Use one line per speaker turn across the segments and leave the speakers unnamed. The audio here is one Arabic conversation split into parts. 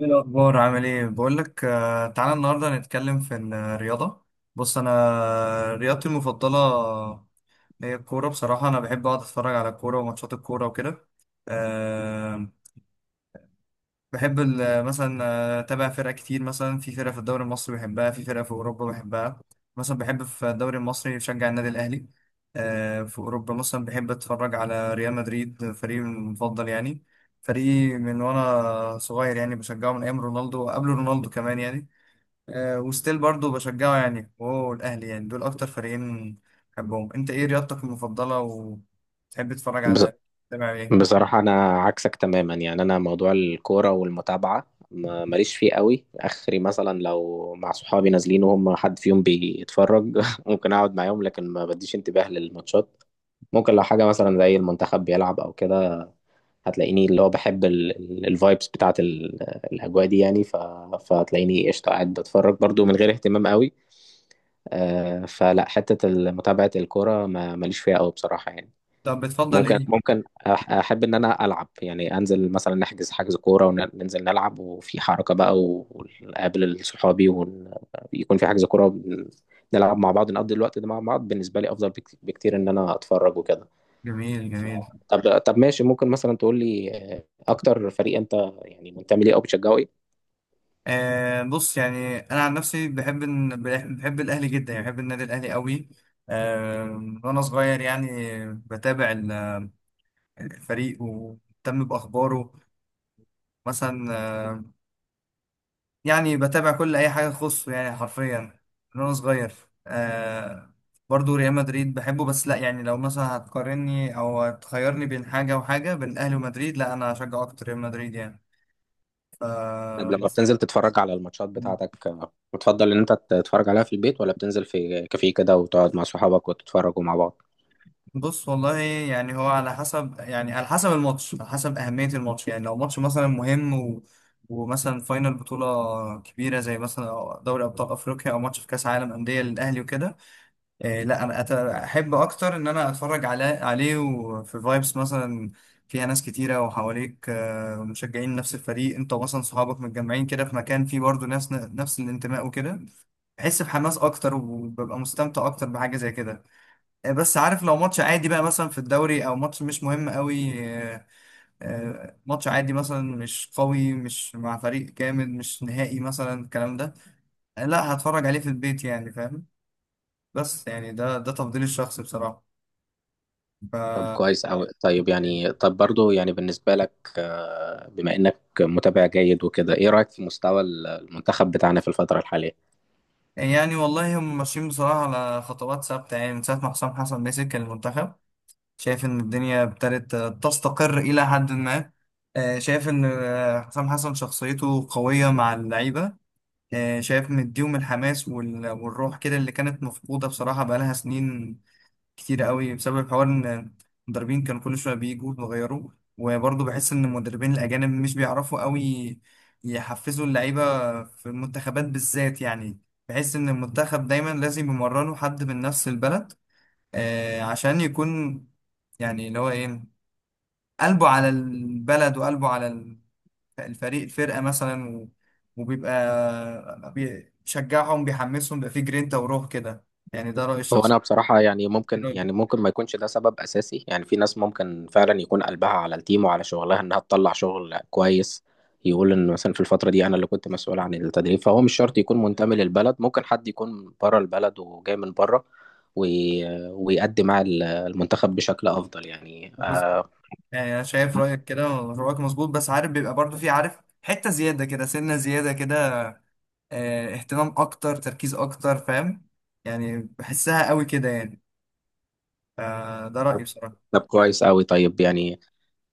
ايه الاخبار؟ عامل ايه؟ بقول لك، تعالى النهارده نتكلم في الرياضه. بص، انا رياضتي المفضله هي الكوره. بصراحه انا بحب اقعد اتفرج على الكوره وماتشات الكوره وكده. آه، بحب مثلا اتابع فرق كتير، مثلا في فرق في الدوري المصري بحبها، في فرق في اوروبا بحبها. مثلا بحب في الدوري المصري بشجع النادي الاهلي. في اوروبا مثلا بحب اتفرج على ريال مدريد، فريقي المفضل يعني. فريقي من وانا صغير يعني، بشجعه من ايام رونالدو وقبل رونالدو كمان يعني. وستيل برضو بشجعه يعني، وهو الاهلي، يعني دول اكتر فريقين بحبهم. انت ايه رياضتك المفضلة؟ وتحب تتفرج
بز-
على، تتابع ايه؟
بصراحة أنا عكسك تماما، أنا موضوع الكورة والمتابعة ماليش فيه قوي آخري. مثلا لو مع صحابي نازلين وهم حد فيهم بيتفرج ممكن أقعد معاهم، لكن ما بديش انتباه للماتشات. ممكن لو حاجة مثلا زي المنتخب بيلعب أو كده هتلاقيني اللي هو بحب الفايبس بتاعة الأجواء دي، فهتلاقيني قشطة قاعد بتفرج برضو من غير اهتمام قوي. فلا حتة متابعة الكورة ماليش فيها قوي بصراحة يعني.
طب بتفضل
ممكن
ايه؟
ممكن أح- احب ان انا العب، يعني انزل مثلا نحجز حجز كوره وننزل نلعب وفي حركه بقى، ونقابل صحابي ويكون في حجز كوره نلعب مع بعض نقضي الوقت ده مع بعض. بالنسبه لي افضل بكتير ان انا اتفرج وكده.
جميل،
ف-
جميل.
طب ماشي، ممكن مثلا تقول لي اكتر فريق انت يعني منتمي ليه او بتشجعه ايه؟
آه، بص، يعني انا عن نفسي بحب الاهلي جدا، يعني بحب النادي الاهلي قوي. آه، من وانا صغير يعني بتابع الفريق ومهتم باخباره. مثلا، يعني بتابع كل اي حاجه تخصه، يعني حرفيا من وانا صغير. آه برضو ريال مدريد بحبه، بس لا، يعني لو مثلا هتقارني او هتخيرني بين حاجه وحاجه، بين الاهلي ومدريد، لا انا هشجع اكتر ريال مدريد يعني.
طب لما
فبس.
بتنزل تتفرج على الماتشات بتاعتك بتفضل ان انت تتفرج عليها في البيت، ولا بتنزل في كافيه كده وتقعد مع صحابك وتتفرجوا مع بعض؟
بص، والله يعني هو على حسب، يعني على حسب الماتش، على حسب أهمية الماتش، يعني لو ماتش مثلا مهم ومثلا فاينل بطولة كبيرة زي مثلا دوري أبطال أفريقيا أو ماتش في كأس عالم أندية للأهلي وكده. إيه لا، أنا أحب أكتر إن أنا أتفرج عليه وفي فايبس مثلا فيها ناس كتيرة، وحواليك مشجعين نفس الفريق، أنت مثلا صحابك متجمعين كده في مكان فيه برضه ناس نفس الانتماء وكده. بحس بحماس أكتر وببقى مستمتع أكتر بحاجة زي كده. بس عارف لو ماتش عادي بقى مثلا في الدوري او ماتش مش مهم قوي، ماتش عادي مثلا مش قوي، مش مع فريق جامد، مش نهائي مثلا، الكلام ده، لا هتفرج عليه في البيت يعني، فاهم. بس يعني ده تفضيلي الشخصي بصراحة. ف
طب كويس أوي. طيب،
يعني
يعني طب برضو يعني بالنسبة لك، بما إنك متابع جيد وكده، إيه رأيك في مستوى المنتخب بتاعنا في الفترة الحالية؟
والله هم ماشيين بصراحة على خطوات ثابتة، يعني من ساعة ما حسام حسن مسك المنتخب، شايف إن الدنيا ابتدت تستقر إلى حد ما. شايف إن حسام حسن شخصيته قوية مع اللعيبة. شايف مديهم الحماس والروح كده اللي كانت مفقودة بصراحة بقالها سنين كتيرة قوي، بسبب حوار إن المدربين كانوا كل شوية بيجوا ويغيروا. وبرضه بحس إن المدربين الأجانب مش بيعرفوا قوي يحفزوا اللعيبة في المنتخبات بالذات يعني. بحس إن المنتخب دايما لازم يمرنوا حد من نفس البلد، عشان يكون، يعني اللي هو إيه، قلبه على البلد وقلبه على الفرقة مثلا وبيبقى بيشجعهم بيحمسهم بيبقى فيه جرينتا وروح كده، يعني ده رأيي
هو
الشخصي.
أنا بصراحة،
إيه رأيك؟
ممكن ما يكونش ده سبب أساسي. يعني في ناس ممكن فعلا يكون قلبها على التيم وعلى شغلها إنها تطلع شغل كويس. يقول إن مثلا في الفترة دي أنا اللي كنت مسؤول عن التدريب، فهو مش شرط يكون منتمي للبلد. ممكن حد يكون بره البلد وجاي من بره ويأدي مع المنتخب بشكل أفضل، يعني
بص- يعني أنا شايف رأيك كده، ورأيك مظبوط. بس عارف بيبقى برضو فيه، عارف، حتة زيادة كده، سنة زيادة كده، اهتمام أكتر، تركيز أكتر، فاهم. يعني بحسها قوي كده يعني. فده رأيي بصراحة.
طب كويس أوي. طيب يعني،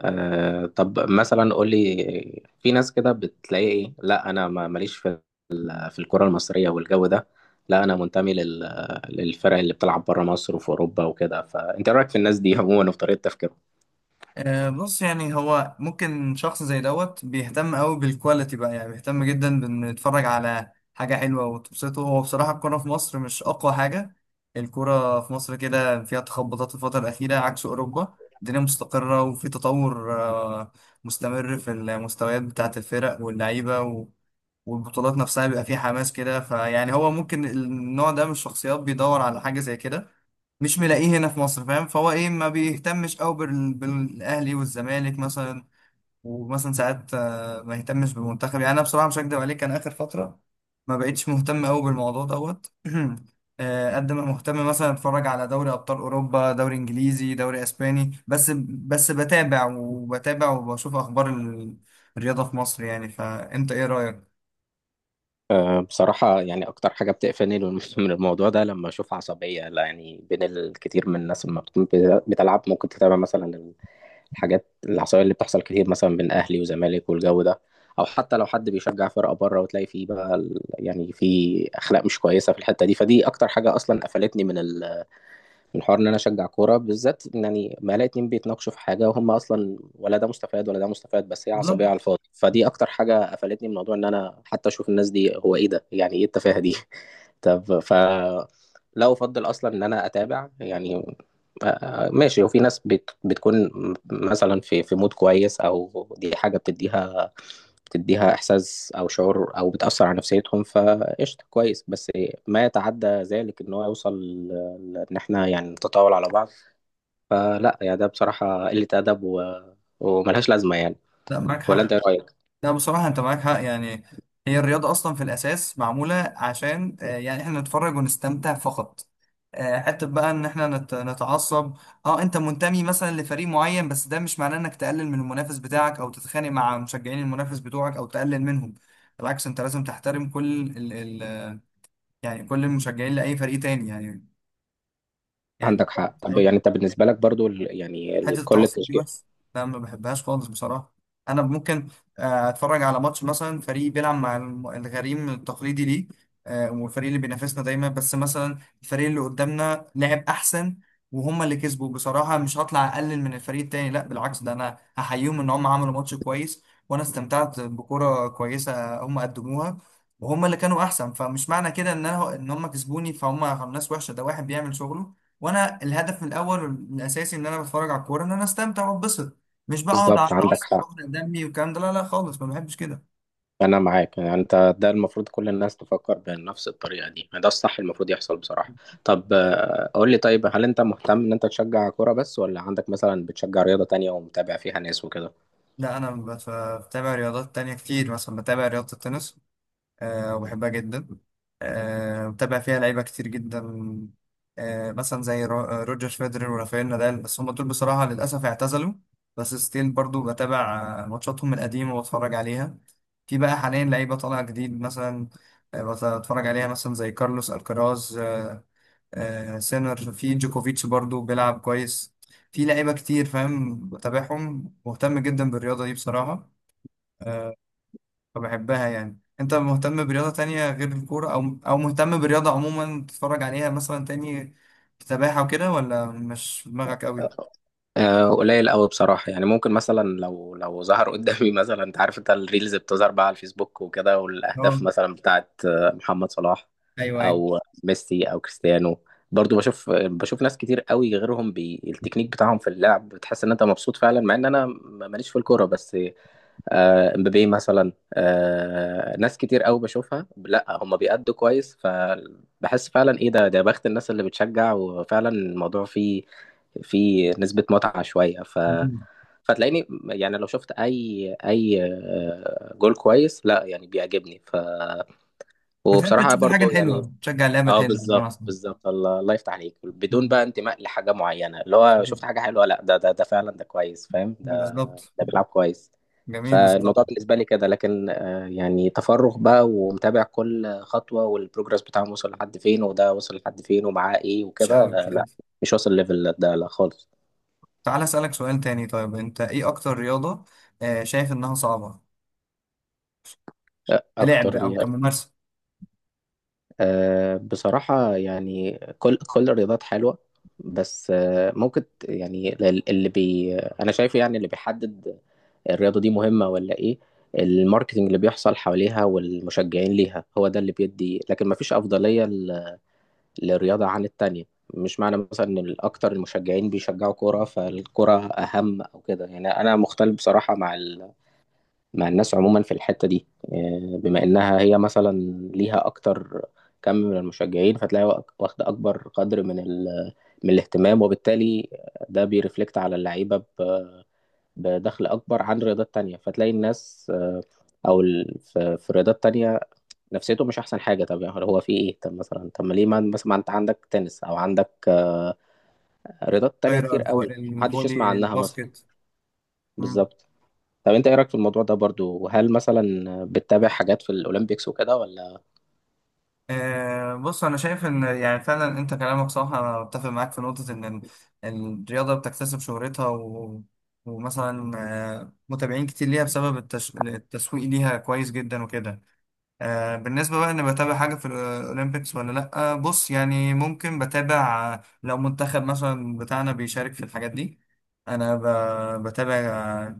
طب مثلا قول لي، في ناس كده بتلاقي ايه، لا انا ما ماليش في في الكرة المصرية والجو ده، لا انا منتمي للفرق اللي بتلعب بره مصر وفي اوروبا وكده. فانت إيه رايك في الناس دي عموما وفي طريقة تفكيرهم؟
بص يعني هو ممكن شخص زي دوت بيهتم قوي بالكواليتي بقى، يعني بيهتم جدا بان يتفرج على حاجة حلوة وتبسطه. هو بصراحة الكورة في مصر مش أقوى حاجة. الكورة في مصر كده فيها تخبطات الفترة الأخيرة، عكس أوروبا الدنيا مستقرة وفي تطور مستمر في المستويات بتاعة الفرق واللعيبة والبطولات نفسها بيبقى فيها حماس كده. فيعني هو ممكن النوع ده من الشخصيات بيدور على حاجة زي كده، مش ملاقيه هنا في مصر، فاهم. فهو ايه، ما بيهتمش قوي بالاهلي والزمالك مثلا، ومثلا ساعات ما يهتمش بالمنتخب يعني. انا بصراحه مش هكدب عليك، انا اخر فتره ما بقتش مهتم قوي بالموضوع دوت. قد ما مهتم مثلا اتفرج على دوري ابطال اوروبا، دوري انجليزي، دوري اسباني بس. بس بتابع وبشوف اخبار الرياضه في مصر يعني. فانت ايه رايك؟
بصراحة يعني اكتر حاجة بتقفلني من من الموضوع ده لما اشوف عصبية، لا يعني، بين الكثير من الناس. لما بتكون بتلعب ممكن تتابع مثلا الحاجات العصبية اللي بتحصل كتير مثلا بين أهلي وزمالك والجو ده، أو حتى لو حد بيشجع فرقة بره وتلاقي فيه بقى يعني في أخلاق مش كويسة في الحتة دي. فدي أكتر حاجة أصلا قفلتني من الحوار ان انا اشجع كوره، بالذات إن يعني ما الاقي اتنين بيتناقشوا في حاجه وهم اصلا ولا ده مستفاد ولا ده مستفاد، بس هي
بالظبط.
عصبيه على الفاضي. فدي اكتر حاجه قفلتني من موضوع ان انا حتى اشوف الناس دي. هو ايه ده، يعني ايه التفاهه دي؟ طب ف لا افضل اصلا ان انا اتابع يعني ماشي. وفي ناس بتكون مثلا في في مود كويس، او دي حاجه بتديها بتديها احساس او شعور او بتاثر على نفسيتهم، فقشطه كويس. بس ما يتعدى ذلك ان هو يوصل ان احنا يعني نتطاول على بعض. فلا، يا ده بصراحه قله ادب، و... وملهاش لازمه يعني.
لا معاك
ولا
حق.
انت ايه رايك؟
لا بصراحة أنت معاك حق يعني. هي الرياضة أصلا في الأساس معمولة عشان يعني إحنا نتفرج ونستمتع فقط. حتة بقى إن إحنا نتعصب، أنت منتمي مثلا لفريق معين، بس ده مش معناه إنك تقلل من المنافس بتاعك أو تتخانق مع مشجعين المنافس بتوعك أو تقلل منهم. بالعكس أنت لازم تحترم كل ال ال يعني كل المشجعين لأي فريق تاني، يعني.
عندك حق. طب يعني انت بالنسبه لك برضو،
حته
كل
التعصب دي
التشجيع
بس، لا ما بحبهاش خالص بصراحه. انا ممكن اتفرج على ماتش مثلا فريق بيلعب مع الغريم التقليدي ليه، والفريق اللي بينافسنا دايما، بس مثلا الفريق اللي قدامنا لعب احسن وهم اللي كسبوا، بصراحه مش هطلع اقلل من الفريق التاني، لا بالعكس، ده انا هحييهم ان هم عملوا ماتش كويس وانا استمتعت بكره كويسه هم قدموها، وهم اللي كانوا احسن. فمش معنى كده ان هم كسبوني فهم ناس وحشه، ده واحد بيعمل شغله. وانا الهدف الاول الاساسي ان انا بتفرج على الكوره، ان انا استمتع واتبسط، مش بقى اقعد على
بالظبط. عندك
اتعصب
حق،
واحرق دمي والكلام ده. لا، لا خالص ما بحبش كده.
انا معاك. يعني انت ده المفروض كل الناس تفكر بنفس الطريقه دي، يعني ده الصح المفروض يحصل بصراحه. طب قول لي، طيب هل انت مهتم ان انت تشجع كوره بس، ولا عندك مثلا بتشجع رياضه تانية ومتابع فيها ناس وكده؟
لا انا بتابع رياضات تانية كتير، مثلا بتابع رياضه التنس. وبحبها جدا. متابع فيها لعيبة كتير جدا. مثلا زي روجر فيدرر ورافائيل نادال، بس هم دول بصراحة للأسف اعتزلوا. بس ستيل برضو بتابع ماتشاتهم القديمة واتفرج عليها. في بقى حاليا لعيبة طالعة جديد مثلا، بتفرج عليها مثلا زي كارلوس الكراز. سينر، في جوكوفيتش برضو بيلعب كويس. في لعيبة كتير فاهم، بتابعهم مهتم جدا بالرياضة دي بصراحة. آه، فبحبها يعني. انت مهتم برياضة تانية غير الكورة، او مهتم برياضة عموما تتفرج عليها مثلا تاني، سباحة وكده، ولا مش في دماغك قوي؟
قليل قوي بصراحة يعني. ممكن مثلا لو ظهر قدامي مثلا، انت عارف انت الريلز بتظهر بقى على الفيسبوك وكده،
اه،
والاهداف مثلا بتاعت محمد صلاح
ايوه، ايوه.
او ميسي او كريستيانو. برضو بشوف ناس كتير قوي غيرهم، بالتكنيك بتاعهم في اللعب بتحس ان انت مبسوط فعلا، مع ان انا ماليش في الكورة. بس امبابي مثلا، ناس كتير قوي بشوفها لا هم بيأدوا كويس. فبحس فعلا، ايه ده، ده بخت الناس اللي بتشجع، وفعلا الموضوع فيه فيه نسبة متعة شوية. ف
مم.
فتلاقيني يعني لو شفت اي اي آه، جول كويس، لا يعني بيعجبني. ف
بتحب
وبصراحة
تشوف الحاجة
برضو يعني،
الحلوة، تشجع اللعبة
اه
الحلوة بمعنى،
بالظبط
اصلا.
بالظبط. الله، الله يفتح عليك. بدون بقى انتماء لحاجة معينة، اللي هو شفت حاجة حلوة، لا ده ده ده فعلا ده كويس، فاهم؟ ده
بالظبط.
بيلعب كويس.
جميل بصراحة.
فالموضوع بالنسبة لي كده، لكن يعني تفرغ بقى ومتابع كل خطوة والبروجرس بتاعهم وصل لحد فين، وده وصل لحد فين ومعاه ايه
مش
وكده،
قوي، مش قوي.
لا، مش واصل ليفل ده لا خالص.
تعال اسألك سؤال تاني. طيب انت ايه اكتر رياضة شايف انها صعبة،
آه،
كلعب
اكتر
او
يعني
كممارسة؟
آه، بصراحة يعني كل الرياضات حلوة. بس يعني اللي انا شايفه يعني اللي بيحدد الرياضة دي مهمة ولا ايه، الماركتينج اللي بيحصل حواليها والمشجعين ليها، هو ده اللي بيدي. لكن مفيش أفضلية للرياضة عن التانية. مش معنى مثلا ان الاكتر المشجعين بيشجعوا كورة فالكرة اهم او كده. يعني انا مختلف بصراحة مع مع الناس عموما في الحتة دي. بما انها هي مثلا ليها اكتر كم من المشجعين، فتلاقي واخدة اكبر قدر من من الاهتمام، وبالتالي ده بيرفلكت على اللعيبة بدخل اكبر عن رياضات تانية. فتلاقي الناس في رياضات تانية نفسيته مش احسن حاجة. طب يعني هو في ايه، طب مثلا، طب ما ليه ما مثلا ما انت عندك تنس او عندك رياضات تانية
غير
كتير قوي محدش يسمع
الفولي،
عنها مثلا،
الباسكت. مم.
بالظبط. طب انت ايه رايك في الموضوع ده برضو، وهل مثلا بتتابع حاجات في الاولمبيكس وكده ولا؟
بص انا شايف ان يعني فعلا انت كلامك صح، انا بتفق معاك في نقطه ان الرياضه بتكتسب شهرتها، ومثلا متابعين كتير ليها بسبب التسويق ليها كويس جدا وكده. بالنسبه بقى ان بتابع حاجه في الاولمبيكس ولا لا، بص يعني ممكن بتابع لو منتخب مثلا بتاعنا بيشارك في الحاجات دي، انا بتابع.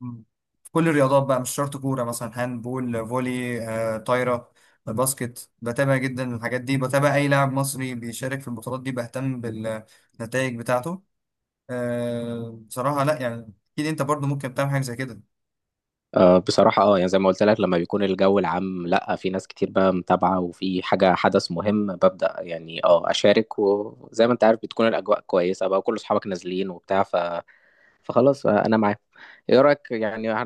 مم. في كل الرياضات بقى، مش شرط كورة، مثلا هاند بول، فولي طايرة، باسكت. بتابع جدا الحاجات دي، بتابع أي لاعب مصري بيشارك في البطولات دي، بهتم بالنتائج بتاعته. بصراحة، لا يعني أكيد أنت برضو ممكن تعمل حاجة زي كده.
بصراحه اه، يعني زي ما قلت لك، لما بيكون الجو العام، لا في ناس كتير بقى متابعه وفي حاجه حدث مهم، ببدا يعني اه اشارك. وزي ما انت عارف بتكون الاجواء كويسه بقى، وكل اصحابك نازلين وبتاع. ف فخلاص آه، انا معاك. ايه رايك، يعني احنا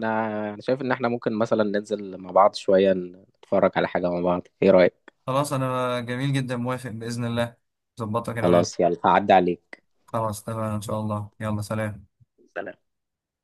انا شايف ان احنا ممكن مثلا ننزل مع بعض شويه نتفرج على حاجه مع بعض، ايه رايك؟
خلاص أنا جميل جدا، موافق بإذن الله. ظبطها كده وننزل.
خلاص، يلا هعدي عليك.
خلاص تمام، إن شاء الله. يلا سلام.
سلام.